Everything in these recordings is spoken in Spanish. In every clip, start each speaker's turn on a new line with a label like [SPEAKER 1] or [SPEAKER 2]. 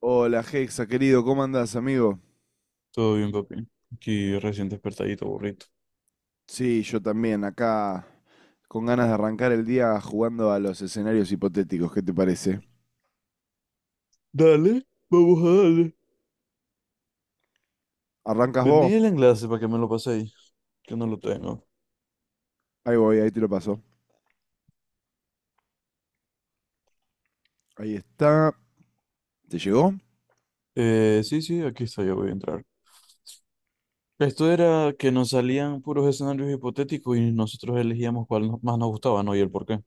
[SPEAKER 1] Hola Hexa, querido, ¿cómo andás, amigo?
[SPEAKER 2] Todo bien, papi. Aquí recién despertadito, burrito.
[SPEAKER 1] Sí, yo también, acá con ganas de arrancar el día jugando a los escenarios hipotéticos, ¿qué te parece?
[SPEAKER 2] Dale, vamos a darle.
[SPEAKER 1] ¿Arrancas vos?
[SPEAKER 2] Tenía el enlace para que me lo paséis, que no lo tengo.
[SPEAKER 1] Ahí voy, ahí te lo paso. Ahí está. ¿Te llegó?
[SPEAKER 2] Sí, sí, aquí está, ya voy a entrar. Esto era que nos salían puros escenarios hipotéticos y nosotros elegíamos cuál más nos gustaba, ¿no? Y el por qué.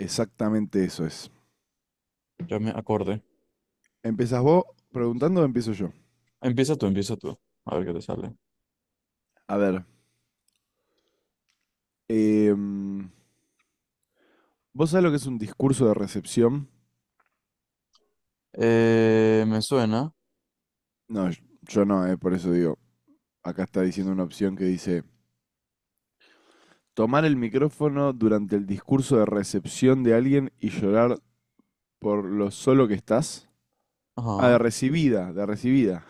[SPEAKER 1] Exactamente eso es.
[SPEAKER 2] Ya me acordé.
[SPEAKER 1] ¿Empezás vos preguntando o empiezo yo?
[SPEAKER 2] Empieza tú, empieza tú. A ver qué te sale.
[SPEAKER 1] A ver, em, ¿vos sabés lo que es un discurso de recepción?
[SPEAKER 2] Me suena.
[SPEAKER 1] No, yo no, por eso digo, acá está diciendo una opción que dice, tomar el micrófono durante el discurso de recepción de alguien y llorar por lo solo que estás. Ah, de
[SPEAKER 2] Ajá.
[SPEAKER 1] recibida, de recibida.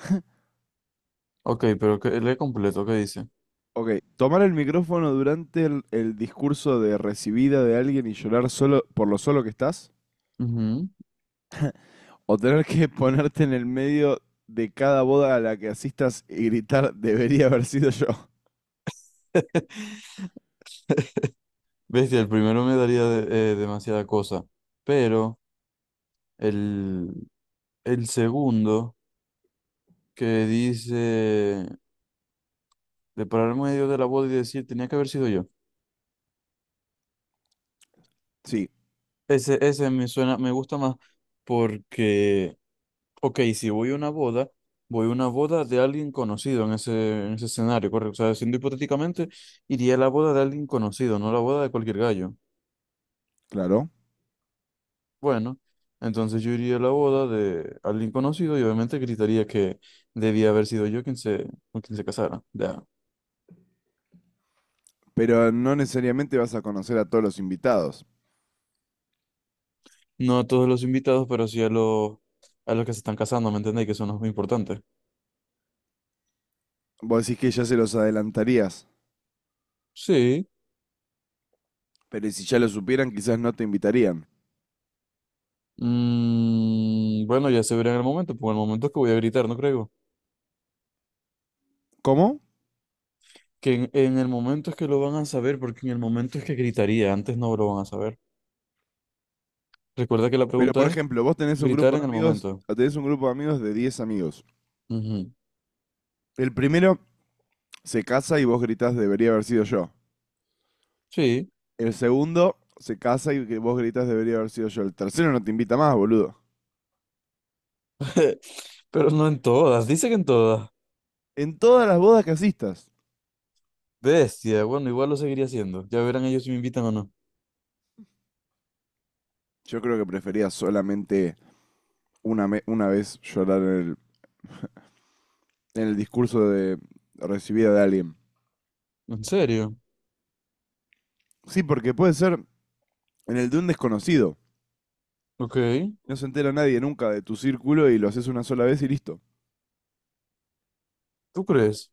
[SPEAKER 2] Ok, pero que, lee completo, ¿qué dice?
[SPEAKER 1] Ok, tomar el micrófono durante el discurso de recibida de alguien y llorar solo por lo solo que estás.
[SPEAKER 2] Ujú.
[SPEAKER 1] O tener que ponerte en el medio de cada boda a la que asistas y gritar, debería haber sido yo.
[SPEAKER 2] Bestia, el primero me daría demasiada cosa, pero... el El segundo, que dice de parar en medio de la boda y decir, tenía que haber sido yo.
[SPEAKER 1] Sí,
[SPEAKER 2] Ese me suena, me gusta más porque, ok, si voy a una boda, voy a una boda de alguien conocido en ese escenario, correcto. O sea, siendo hipotéticamente, iría a la boda de alguien conocido, no a la boda de cualquier gallo.
[SPEAKER 1] claro.
[SPEAKER 2] Bueno, entonces yo iría a la boda de alguien conocido y obviamente gritaría que debía haber sido yo quien se, con quien se casara. Ya.
[SPEAKER 1] Pero no necesariamente vas a conocer a todos los invitados.
[SPEAKER 2] No a todos los invitados, pero sí a los que se están casando, ¿me entendéis? Que son los muy importantes.
[SPEAKER 1] Vos decís que ya se los adelantarías.
[SPEAKER 2] Sí.
[SPEAKER 1] Pero si ya lo supieran, quizás no te invitarían.
[SPEAKER 2] Mm, bueno, ya se verá en el momento, porque en el momento es que voy a gritar, no creo.
[SPEAKER 1] ¿Cómo?
[SPEAKER 2] Que en el momento es que lo van a saber, porque en el momento es que gritaría, antes no lo van a saber. Recuerda que la
[SPEAKER 1] Pero
[SPEAKER 2] pregunta
[SPEAKER 1] por
[SPEAKER 2] es
[SPEAKER 1] ejemplo, vos tenés un
[SPEAKER 2] gritar
[SPEAKER 1] grupo
[SPEAKER 2] en
[SPEAKER 1] de
[SPEAKER 2] el
[SPEAKER 1] amigos,
[SPEAKER 2] momento.
[SPEAKER 1] tenés un grupo de amigos de 10 amigos.
[SPEAKER 2] Ujú.
[SPEAKER 1] El primero se casa y vos gritás debería haber sido yo.
[SPEAKER 2] Sí,
[SPEAKER 1] El segundo se casa y que vos gritas debería haber sido yo. El tercero no te invita más, boludo.
[SPEAKER 2] pero no en todas, dice que en todas.
[SPEAKER 1] En todas las bodas que asistas.
[SPEAKER 2] Bestia, bueno, igual lo seguiría haciendo. Ya verán ellos si me invitan o no.
[SPEAKER 1] Yo creo que prefería solamente una vez llorar en en el discurso de recibida de alguien.
[SPEAKER 2] ¿En serio?
[SPEAKER 1] Sí, porque puede ser en el de un desconocido.
[SPEAKER 2] Ok,
[SPEAKER 1] No se entera nadie nunca de tu círculo y lo haces una sola vez y listo.
[SPEAKER 2] ¿tú crees?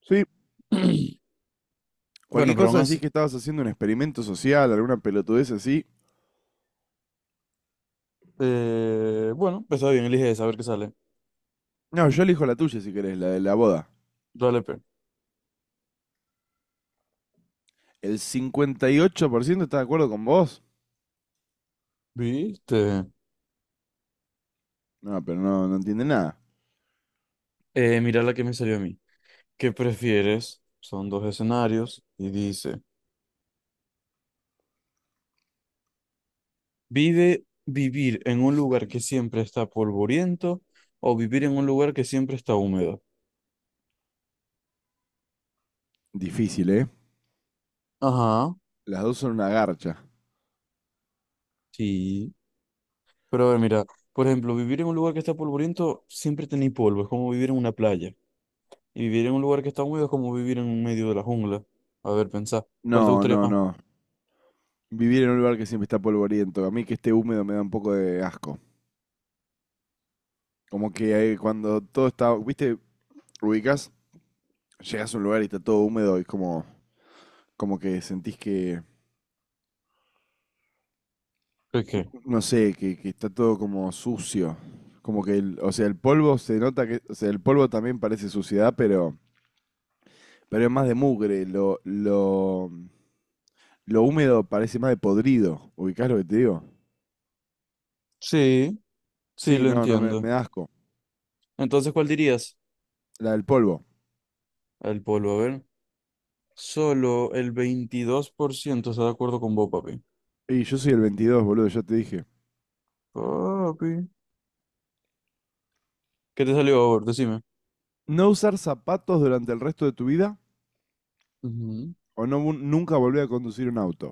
[SPEAKER 1] Sí.
[SPEAKER 2] Bueno,
[SPEAKER 1] Cualquier
[SPEAKER 2] pero
[SPEAKER 1] cosa
[SPEAKER 2] aún
[SPEAKER 1] decís
[SPEAKER 2] así.
[SPEAKER 1] que estabas haciendo un experimento social, alguna pelotudez así.
[SPEAKER 2] Bueno, pues está bien, elige esa, a ver qué sale.
[SPEAKER 1] No, yo elijo la tuya si querés, la de la boda.
[SPEAKER 2] Dale, pe.
[SPEAKER 1] El 58% está de acuerdo con vos.
[SPEAKER 2] ¿Viste?
[SPEAKER 1] No, pero no, no entiende nada.
[SPEAKER 2] Mira la que me salió a mí. ¿Qué prefieres? Son dos escenarios y dice, ¿vive vivir en un lugar que siempre está polvoriento o vivir en un lugar que siempre está húmedo?
[SPEAKER 1] Difícil, ¿eh?
[SPEAKER 2] Ajá,
[SPEAKER 1] Las dos son una garcha.
[SPEAKER 2] sí. Pero a ver, mira, por ejemplo, vivir en un lugar que está polvoriento siempre tenéis polvo, es como vivir en una playa. Y vivir en un lugar que está húmedo es como vivir en un medio de la jungla. A ver, pensá, ¿cuál te
[SPEAKER 1] No,
[SPEAKER 2] gustaría
[SPEAKER 1] no,
[SPEAKER 2] más?
[SPEAKER 1] no. Vivir en un lugar que siempre está polvoriento. A mí que esté húmedo me da un poco de asco. Como que cuando todo está, viste, ubicas, llegas a un lugar y está todo húmedo y es como, como que sentís que,
[SPEAKER 2] ¿Qué?
[SPEAKER 1] no sé, que está todo como sucio. Como que, o sea, el polvo se nota que, o sea, el polvo también parece suciedad, pero es más de mugre. Lo húmedo parece más de podrido. ¿Ubicás lo que te digo?
[SPEAKER 2] Sí. Sí,
[SPEAKER 1] Sí,
[SPEAKER 2] lo
[SPEAKER 1] no, no, me
[SPEAKER 2] entiendo.
[SPEAKER 1] da asco.
[SPEAKER 2] Entonces, ¿cuál dirías?
[SPEAKER 1] La del polvo.
[SPEAKER 2] El polvo, a ver. Solo el 22% está de acuerdo con vos, papi.
[SPEAKER 1] Y yo soy el 22, boludo, ya te dije.
[SPEAKER 2] Papi. ¿Qué te salió, favor? Decime.
[SPEAKER 1] No usar zapatos durante el resto de tu vida
[SPEAKER 2] Ujú.
[SPEAKER 1] o no, nunca volver a conducir un auto.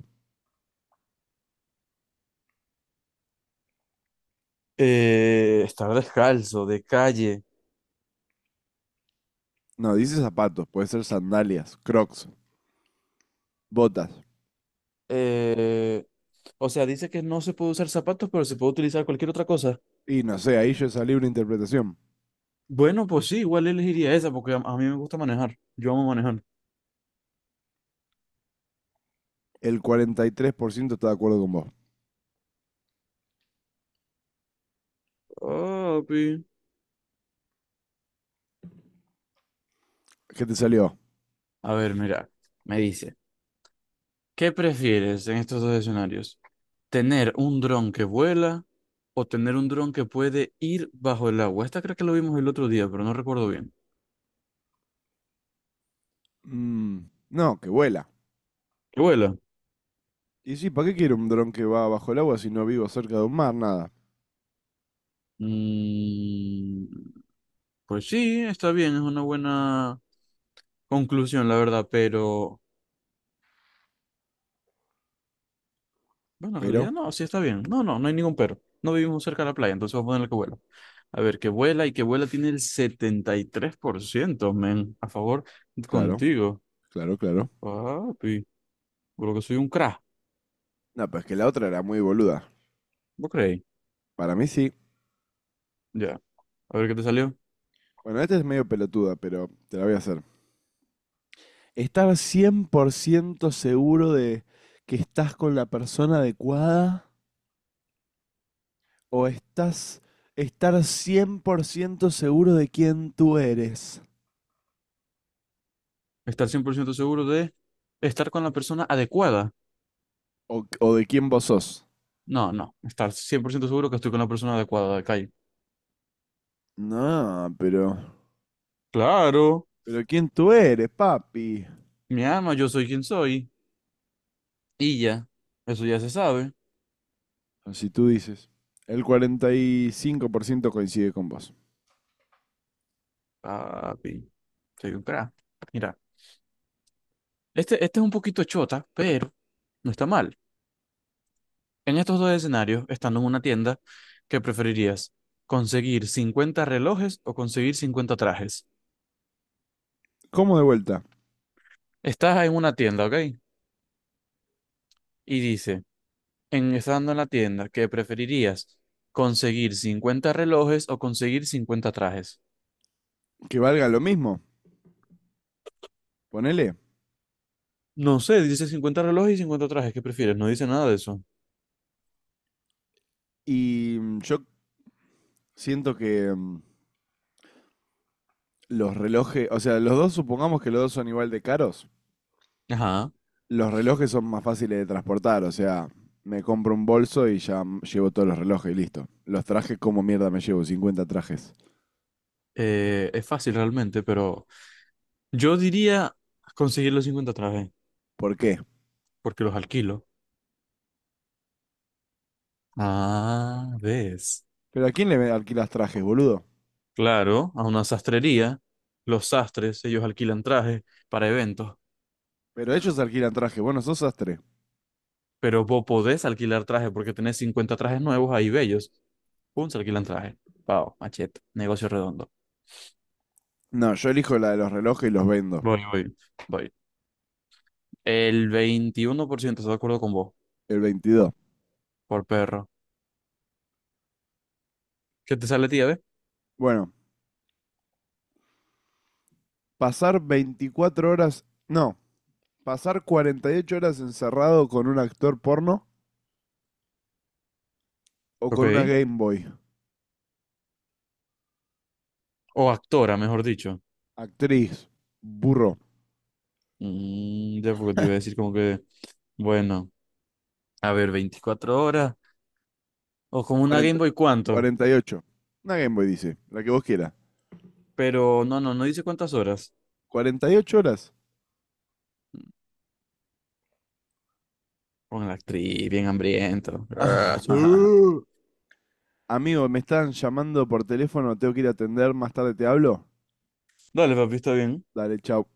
[SPEAKER 2] Estar descalzo, de calle.
[SPEAKER 1] No, dice zapatos, puede ser sandalias, crocs, botas.
[SPEAKER 2] Eh, o sea, dice que no se puede usar zapatos, pero se puede utilizar cualquier otra cosa.
[SPEAKER 1] Y no sé, ahí yo salí una interpretación.
[SPEAKER 2] Bueno, pues sí, igual elegiría esa porque a mí me gusta manejar. Yo amo manejar.
[SPEAKER 1] El 43% está de acuerdo con vos.
[SPEAKER 2] Papi.
[SPEAKER 1] ¿Qué te salió?
[SPEAKER 2] A ver, mira, me dice, ¿qué prefieres en estos dos escenarios? ¿Tener un dron que vuela o tener un dron que puede ir bajo el agua? Esta creo que lo vimos el otro día, pero no recuerdo bien.
[SPEAKER 1] Mm, no, que vuela.
[SPEAKER 2] ¿Que vuela?
[SPEAKER 1] Y sí, ¿para qué quiero un dron que va bajo el agua si no vivo cerca de un mar? Nada.
[SPEAKER 2] Mm, pues sí, está bien, es una buena conclusión, la verdad, pero bueno, en
[SPEAKER 1] Pero,
[SPEAKER 2] realidad no, sí está bien. No, no, no hay ningún pero. No vivimos cerca de la playa, entonces vamos a ponerle que vuela. A ver, que vuela y que vuela tiene el 73% men, a favor
[SPEAKER 1] claro,
[SPEAKER 2] contigo.
[SPEAKER 1] claro, claro.
[SPEAKER 2] Papi, por lo que soy un crack,
[SPEAKER 1] No, pero es que la otra era muy boluda.
[SPEAKER 2] ¿vos creéis?
[SPEAKER 1] Para mí sí.
[SPEAKER 2] Ya, a ver qué te salió.
[SPEAKER 1] Bueno, esta es medio pelotuda, pero te la voy a hacer. Estar 100% seguro de que estás con la persona adecuada o estás estar 100% seguro de quién tú eres
[SPEAKER 2] Estar 100% seguro de estar con la persona adecuada.
[SPEAKER 1] o de quién vos sos.
[SPEAKER 2] No, no. Estar 100% seguro que estoy con la persona adecuada de calle.
[SPEAKER 1] No,
[SPEAKER 2] Claro,
[SPEAKER 1] pero quién tú eres, papi.
[SPEAKER 2] mi ama, yo soy quien soy. Y ya. Eso ya se sabe.
[SPEAKER 1] Así tú dices. El 45% coincide con vos.
[SPEAKER 2] Papi, soy un crack. Mira, este es un poquito chota, pero no está mal. En estos dos escenarios, estando en una tienda, ¿qué preferirías? ¿Conseguir 50 relojes o conseguir 50 trajes?
[SPEAKER 1] ¿Cómo de vuelta?
[SPEAKER 2] Estás en una tienda, ¿ok? Y dice, en estando en la tienda, ¿qué preferirías? ¿Conseguir 50 relojes o conseguir 50 trajes?
[SPEAKER 1] Que valga lo mismo. Ponele.
[SPEAKER 2] No sé, dice 50 relojes y 50 trajes, ¿qué prefieres? No dice nada de eso.
[SPEAKER 1] Y yo Siento que los relojes, o sea, los dos, supongamos que los dos son igual de caros,
[SPEAKER 2] Ajá,
[SPEAKER 1] los relojes son más fáciles de transportar, o sea, me compro un bolso y ya llevo todos los relojes y listo. Los trajes, ¿cómo mierda me llevo 50 trajes?
[SPEAKER 2] es fácil realmente, pero yo diría conseguir los 50 trajes,
[SPEAKER 1] ¿Por qué?
[SPEAKER 2] porque los alquilo. Ah, ves.
[SPEAKER 1] ¿Pero a quién le alquilas trajes, boludo?
[SPEAKER 2] Claro, a una sastrería, los sastres, ellos alquilan trajes para eventos,
[SPEAKER 1] Pero ellos alquilan trajes, bueno, sos sastre.
[SPEAKER 2] pero vos podés alquilar trajes porque tenés 50 trajes nuevos ahí bellos. Pum, se alquilan trajes. Pau, machete, negocio redondo.
[SPEAKER 1] No, yo elijo la de los relojes y los vendo,
[SPEAKER 2] Voy, voy, voy. El 21% está de acuerdo con vos,
[SPEAKER 1] el
[SPEAKER 2] por,
[SPEAKER 1] 22.
[SPEAKER 2] por perro. ¿Qué te sale, tía, ve?
[SPEAKER 1] Bueno, pasar 24 horas, no, pasar 48 horas encerrado con un actor porno o
[SPEAKER 2] Ok.
[SPEAKER 1] con una Game Boy.
[SPEAKER 2] O actora, mejor dicho.
[SPEAKER 1] Actriz, burro,
[SPEAKER 2] Mm, ya porque te iba a decir como que, bueno, a ver, 24 horas. O como una
[SPEAKER 1] 40
[SPEAKER 2] Game Boy, ¿cuánto?
[SPEAKER 1] 48. Una Game Boy dice, la que vos quieras.
[SPEAKER 2] Pero no, no, no dice cuántas horas.
[SPEAKER 1] ¿Cuarenta y ocho horas?
[SPEAKER 2] Con la actriz, bien hambriento. Ah, sí.
[SPEAKER 1] Amigo, me están llamando por teléfono, tengo que ir a atender, más tarde te hablo.
[SPEAKER 2] Dale, papi, está bien.
[SPEAKER 1] Dale, chau.